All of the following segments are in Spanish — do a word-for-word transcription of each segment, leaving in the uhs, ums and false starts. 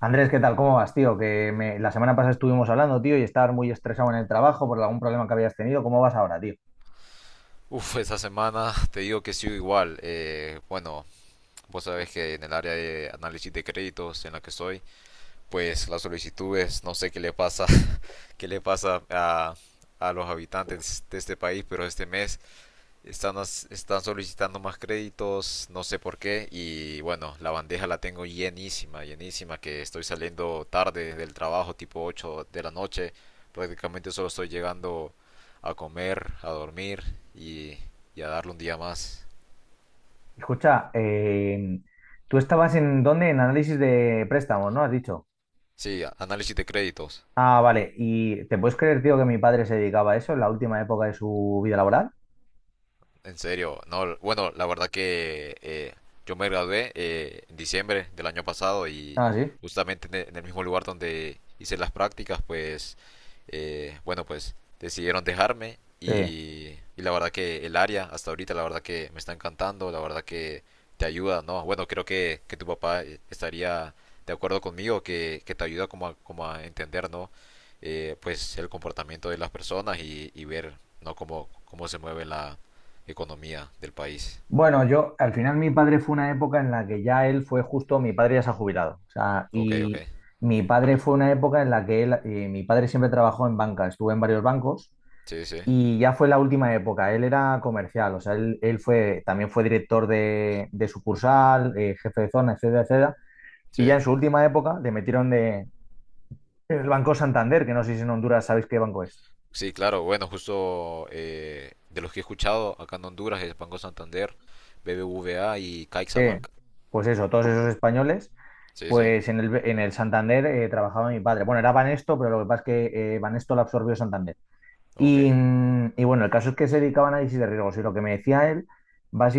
Andrés, ¿qué tal? ¿Cómo vas, tío? Que me- la semana pasada estuvimos hablando, tío, y estabas muy estresado en el trabajo por algún problema que habías tenido. ¿Cómo vas ahora, tío? Uf, esta semana te digo que sigo igual. Eh, bueno, vos sabés que en el área de análisis de créditos en la que estoy, pues las solicitudes, no sé qué le pasa, qué le pasa a, a los habitantes de este país, pero este mes están, están solicitando más créditos, no sé por qué. Y bueno, la bandeja la tengo llenísima, llenísima, que estoy saliendo tarde del trabajo, tipo ocho de la noche. Prácticamente solo estoy llegando a comer, a dormir y, y a darle un día más. Escucha, eh, ¿tú estabas en dónde? En análisis de préstamos, ¿no? Has dicho. Sí, análisis de créditos. Ah, vale. ¿Y te puedes creer, tío, que mi padre se dedicaba a eso en la última época de su vida laboral? En serio, no, bueno, la verdad que eh, yo me gradué eh, en diciembre del año pasado y Ah, sí. justamente en e- en el mismo lugar donde hice las prácticas, pues, eh, bueno, pues decidieron dejarme Sí. y, y la verdad que el área hasta ahorita, la verdad que me está encantando, la verdad que te ayuda, ¿no? Bueno, creo que, que tu papá eh, estaría de acuerdo conmigo, que, que te ayuda como a, como a entender, ¿no? Eh, pues el comportamiento de las personas y, y ver, ¿no? Cómo, cómo se mueve economía del país. Bueno, yo, al final mi padre fue una época en la que ya él fue justo, mi padre ya se ha jubilado. O sea, Ok, ok. y mi padre fue una época en la que él, eh, mi padre siempre trabajó en banca, estuvo en varios bancos. Sí, sí, Y ya fue la última época, él era comercial, o sea, él, él fue, también fue director de, de sucursal, eh, jefe de zona, etcétera, etcétera. Y sí. ya en su última época le metieron de, el Banco Santander, que no sé si en Honduras sabéis qué banco es. Sí, claro, bueno, justo eh, de los que he escuchado acá en Honduras es Banco Santander, B B V A y Eh, CaixaBank. pues eso, todos esos españoles, Sí, sí, pues en el, en el Santander eh, trabajaba mi padre. Bueno, era Banesto, pero lo que pasa es que eh, Banesto lo absorbió Santander. Y, ok. mm, y bueno, el caso es que se dedicaba a análisis de riesgos y lo que me decía él,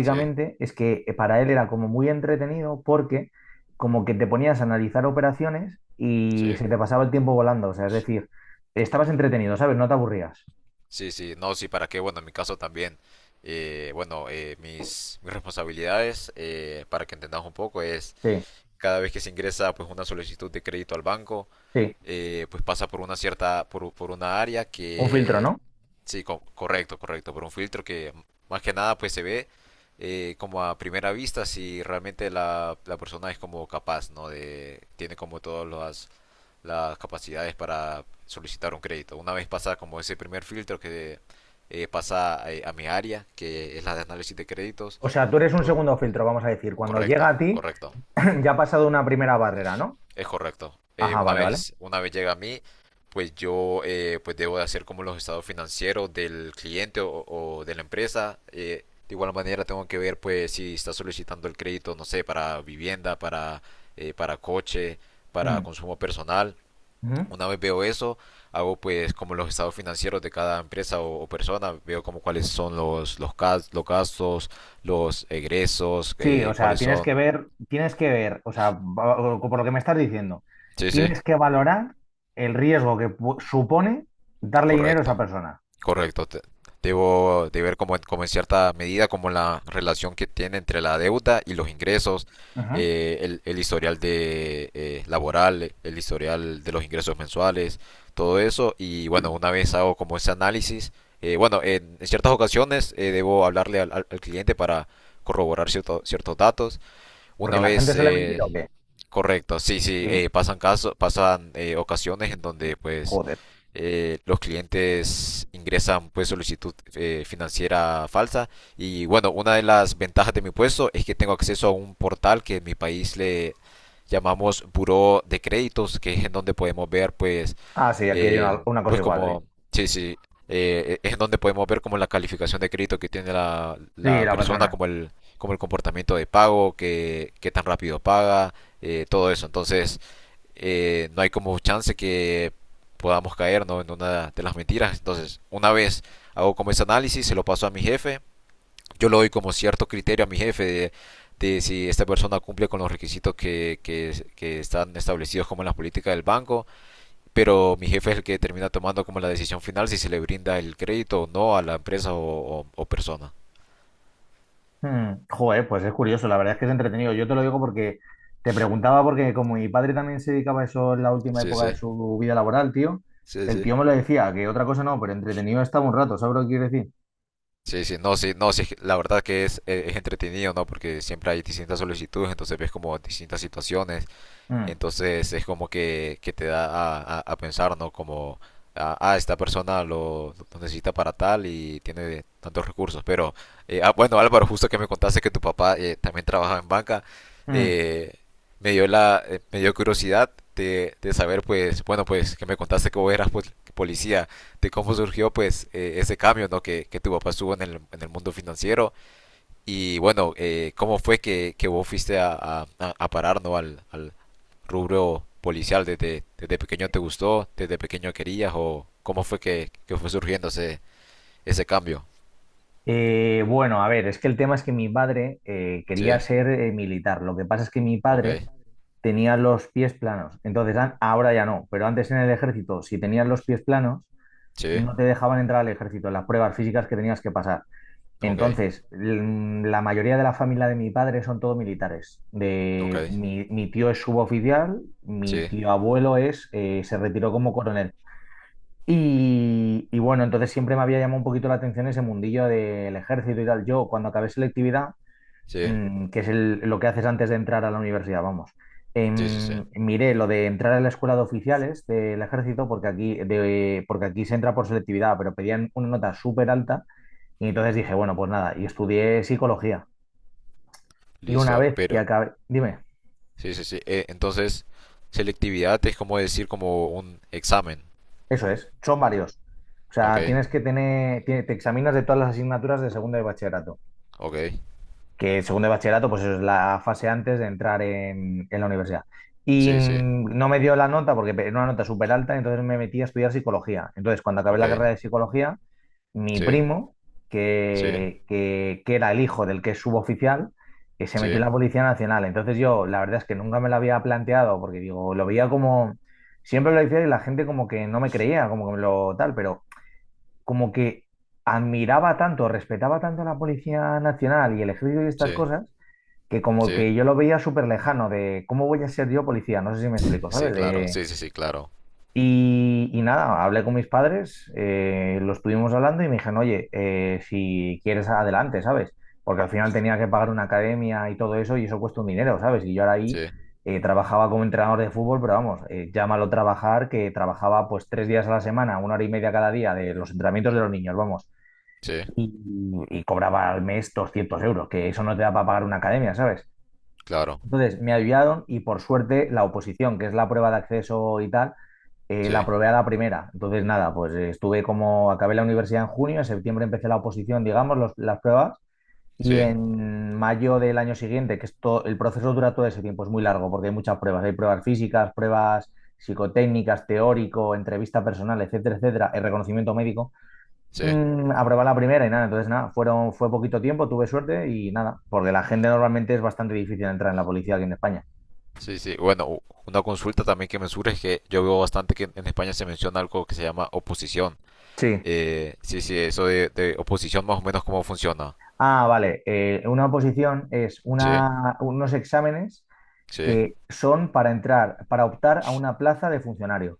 Sí, es que eh, para él era como muy entretenido porque como que te ponías a analizar operaciones y sí. se te pasaba el tiempo volando, o sea, es decir, estabas entretenido, ¿sabes? No te aburrías. Sí, sí, no, sí, ¿para qué? Bueno, en mi caso también. eh, bueno, eh, mis, mis responsabilidades, eh, para que entendamos un poco, es Sí, cada vez que se ingresa pues una solicitud de crédito al banco, sí, eh, pues pasa por una cierta, por, por una área un filtro, que ¿no? Sí, co- correcto, correcto. Por un filtro que más que nada pues se ve eh, como a primera vista si realmente la, la persona es como capaz, ¿no? De, tiene como todas las, las capacidades para solicitar un crédito. Una vez pasa como ese primer filtro que eh, pasa a, a mi área, que es la de análisis de créditos, O sea, tú eres un entonces- segundo filtro, vamos a decir, cuando llega correcto, a ti. correcto. Ya ha pasado una primera barrera, ¿no? Es correcto. Eh, Ajá, una vale, vale. vez, una vez llega a mí, pues yo eh, pues debo de hacer como los estados financieros del cliente o, o de la empresa. Eh, de igual manera tengo que ver pues si está solicitando el crédito, no sé, para vivienda, para, eh, para coche, para Mm, consumo personal. ujú. Una vez veo eso, hago pues como los estados financieros de cada empresa o, o persona, veo como cuáles son los, los, gas- los gastos, los egresos, Sí, eh, o sea, cuáles tienes que son. ver, tienes que ver, o sea, va- o- por lo que me estás diciendo, Sí, sí, tienes que valorar el riesgo que pu- supone darle dinero a esa correcto. persona. Correcto. te- Debo de ver como, en como en cierta medida como la relación que tiene entre la deuda y los ingresos, Ujú. eh, el, el historial de eh, laboral, el historial de los ingresos mensuales, todo eso. Y bueno, una vez hago como ese análisis, eh, bueno, en, en ciertas ocasiones eh, debo hablarle al, al- al cliente para corroborar cierto- ciertos datos. Una Porque la gente vez, suele mentir o eh, qué. correcto, sí, sí, Sí. eh, pasan casos, pasan eh, ocasiones en donde pues Joder. eh, los clientes ingresan pues solicitud eh, financiera falsa y bueno, una de las ventajas de mi puesto es que tengo acceso a un portal que en mi país le llamamos Buró de Créditos, que es en donde podemos ver pues Ah, sí, aquí hay eh, una, una cosa pues igual, sí. como, sí, sí, eh, es en donde podemos ver como la calificación de crédito que tiene la, Sí, la la persona, persona. como el, como el comportamiento de pago, que qué tan rápido paga, eh, todo eso. Entonces, eh, no hay como chance que podamos caer, ¿no?, en una de las mentiras. Entonces, una vez hago como ese análisis, se lo paso a mi jefe, yo le doy como cierto criterio a mi jefe de, de si esta persona cumple con los requisitos que, que, que están establecidos como en las políticas del banco, pero mi jefe es el que termina tomando como la decisión final si se le brinda el crédito o no a la empresa o, o- o persona. Hmm. Joder, pues es curioso, la verdad es que es entretenido. Yo te lo digo porque te preguntaba, porque como mi padre también se dedicaba a eso en la última Sí, sí, época de su vida laboral, tío, sí, el sí. tío me lo decía, que otra cosa no, pero entretenido estaba un rato, ¿sabes lo que quiero decir? Sí, sí, no, sí, no, sí, la verdad que es, eh, es entretenido, ¿no? Porque siempre hay distintas solicitudes, entonces ves como distintas situaciones. Mm, Entonces es como que, que te da a, a- a pensar, ¿no? Como, ah, ah, esta persona lo, lo necesita para tal y tiene tantos recursos. Pero, eh, ah, bueno, Álvaro, justo que me contaste que tu papá eh, también trabajaba en banca, mm. eh, me dio la, eh, me dio curiosidad de, de saber, pues, bueno, pues, que me contaste que vos eras pol- policía, de cómo surgió, pues, eh, ese cambio, ¿no? Que, que tu papá estuvo en el, en el mundo financiero y, bueno, eh, cómo fue que, que vos fuiste a, a- a- a parar, ¿no? Al, al, rubro policial, desde, desde pequeño te gustó, desde pequeño querías, o cómo fue que, que fue surgiendo ese, ese cambio? Eh, bueno, a ver, es que el tema es que mi padre eh, Sí, quería ser eh, militar. Lo que pasa es que mi ok, padre tenía los pies planos. Entonces, an- ahora ya no, pero antes en el ejército, si tenías los pies planos, sí, no te dejaban entrar al ejército, en las pruebas físicas que tenías que pasar. ok, Entonces, l- la mayoría de la familia de mi padre son todos militares. ok, De, mi, mi tío es suboficial, mi sí, tío abuelo es, eh, se retiró como coronel. Y, y bueno, entonces siempre me había llamado un poquito la atención ese mundillo del ejército y tal. Yo, cuando acabé selectividad, sí, mm, que es el- lo que haces antes de entrar a la universidad, vamos, sí, sí, sí, em, miré lo de entrar a la escuela de oficiales del ejército, porque aquí, de, porque aquí se entra por selectividad, pero pedían una nota súper alta. Y entonces dije, bueno, pues nada, y estudié psicología. Y una listo, vez que pero acabé, dime, sí, sí, sí, eh, entonces selectividad es como decir como un examen, eso es, son varios. O ok, sea, tienes que tener, tiene- te examinas de todas las asignaturas de segundo de bachillerato. ok, Que segundo de bachillerato, pues eso es la fase antes de entrar en, en la universidad. Y sí, sí, mm, no me dio la nota porque era una nota súper alta, entonces me metí a estudiar psicología. Entonces, cuando acabé ok, la carrera de psicología, mi sí, primo, sí, que, que, que era el hijo del que es suboficial, que se sí, metió en la Policía Nacional. Entonces yo, la verdad es que nunca me lo había planteado porque digo, lo veía como, siempre lo decía y la gente como que no me creía, como que me lo tal, pero como que admiraba tanto, respetaba tanto a la Policía Nacional y el ejército y estas sí, cosas que como sí, que yo lo veía súper lejano de cómo voy a ser yo policía, no sé si me explico, sí, ¿sabes? claro, De... sí, sí, sí, claro, Y, y nada, hablé con mis padres, eh, lo estuvimos hablando y me dijeron, oye, eh, si quieres adelante, ¿sabes? Porque al final tenía que pagar una academia y todo eso y eso cuesta un dinero, ¿sabes? Y yo ahora sí, ahí eh, trabajaba como entrenador de fútbol, pero vamos, eh, llámalo trabajar, que trabajaba pues tres días a la semana, una hora y media cada día de los entrenamientos de los niños, vamos. sí, Y, y cobraba al mes doscientos euros, que eso no te da para pagar una academia, ¿sabes? claro, Entonces me ayudaron y por suerte la oposición, que es la prueba de acceso y tal, eh, la sí, aprobé a la primera. Entonces nada, pues eh, estuve como, acabé la universidad en junio, en septiembre empecé la oposición, digamos, los- las pruebas, y sí, en mayo del año siguiente, que esto, el proceso dura todo ese tiempo, es muy largo porque hay muchas pruebas, hay pruebas físicas, pruebas psicotécnicas, teórico, entrevista personal, etcétera, etcétera, el reconocimiento médico. sí, Mm, aprobé la primera y nada, entonces nada, fueron, fue poquito tiempo, tuve suerte y nada, porque la gente normalmente es bastante difícil entrar en la policía aquí en España. sí, sí. Bueno, u- una consulta también que me surge es que yo veo bastante que en en España se menciona algo que se llama oposición. Sí. Eh, sí, sí, ¿eso de, de oposición más o menos cómo funciona? Ah, vale. Eh, una oposición es Sí, una, unos exámenes sí, que son para entrar, para optar a una plaza de funcionario.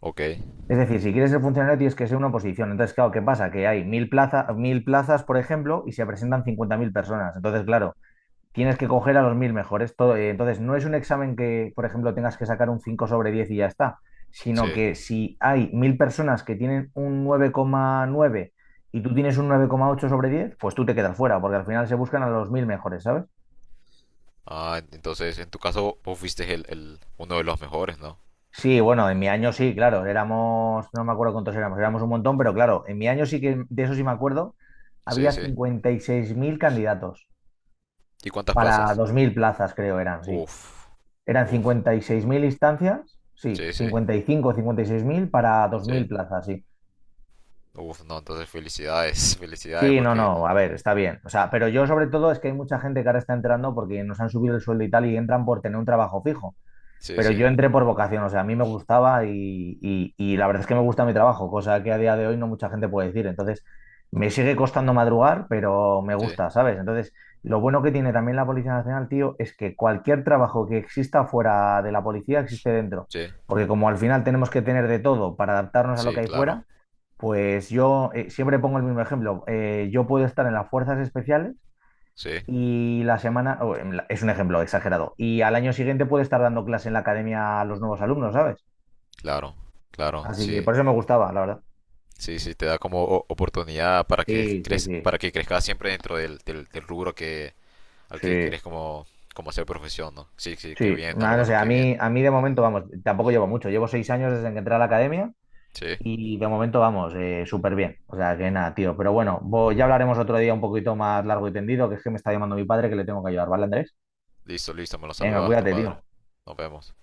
ok, Es decir, si quieres ser funcionario tienes que ser una oposición. Entonces, claro, ¿qué pasa? Que hay mil plaza, mil plazas, por ejemplo, y se presentan cincuenta mil personas. Entonces, claro, tienes que coger a los mil mejores. Todo, eh, entonces, no es un examen que, por ejemplo, tengas que sacar un cinco sobre diez y ya está, sino sí. que si hay mil personas que tienen un nueve coma nueve y tú tienes un nueve coma ocho sobre diez, pues tú te quedas fuera, porque al final se buscan a los mil mejores, ¿sabes? ¿Ah, en- entonces en tu caso vos fuiste el, el- uno de los mejores, no? Sí, bueno, en mi año sí, claro, éramos, no me acuerdo cuántos éramos, éramos un montón, pero claro, en mi año sí que, de eso sí me acuerdo, Sí, había sí. cincuenta y seis mil candidatos ¿Y cuántas para plazas? dos mil plazas, creo eran, sí. Uf, Eran uf, cincuenta y seis mil instancias, sí, sí, sí, cincuenta y cinco o cincuenta y seis mil para dos mil sí. plazas, sí. Uf, no, entonces felicidades, felicidades Sí, no, porque. no, a ver, está bien. O sea, pero yo sobre todo es que hay mucha gente que ahora está entrando porque nos han subido el sueldo y tal y entran por tener un trabajo fijo. Sí, Pero sí, yo entré por vocación, o sea, a mí me gustaba y, y- y la verdad es que me gusta mi trabajo, cosa que a día de hoy no mucha gente puede decir. Entonces, me sigue costando madrugar, pero me sí, gusta, ¿sabes? Entonces, lo bueno que tiene también la Policía Nacional, tío, es que cualquier trabajo que exista fuera de la policía existe dentro. sí, Porque como al final tenemos que tener de todo para adaptarnos a lo que sí, hay claro, fuera, pues yo eh, siempre pongo el mismo ejemplo. Eh, yo puedo estar en las fuerzas especiales sí, y la semana, o en la- es un ejemplo exagerado, y al año siguiente puede estar dando clase en la academia a los nuevos alumnos, ¿sabes? claro, claro, Así que sí. por eso me gustaba, la verdad. Sí, sí, te da como o- oportunidad para que Sí, sí, crez- sí, para que crezcas siempre dentro del, del, del rubro que al que sí, querés como como hacer profesión, ¿no? Sí, sí, qué sí. bien, Ma- No sé, Álvaro, a qué bien. mí, a mí de momento, vamos, tampoco llevo mucho, llevo seis años desde que entré a la academia Sí, y de momento, vamos, eh, súper bien. O sea, que nada, tío, pero bueno, vo- ya hablaremos otro día un poquito más largo y tendido, que es que me está llamando mi padre que le tengo que ayudar, ¿vale, Andrés? listo, listo, me lo Venga, saludas a tu cuídate, padre. tío. Nos vemos.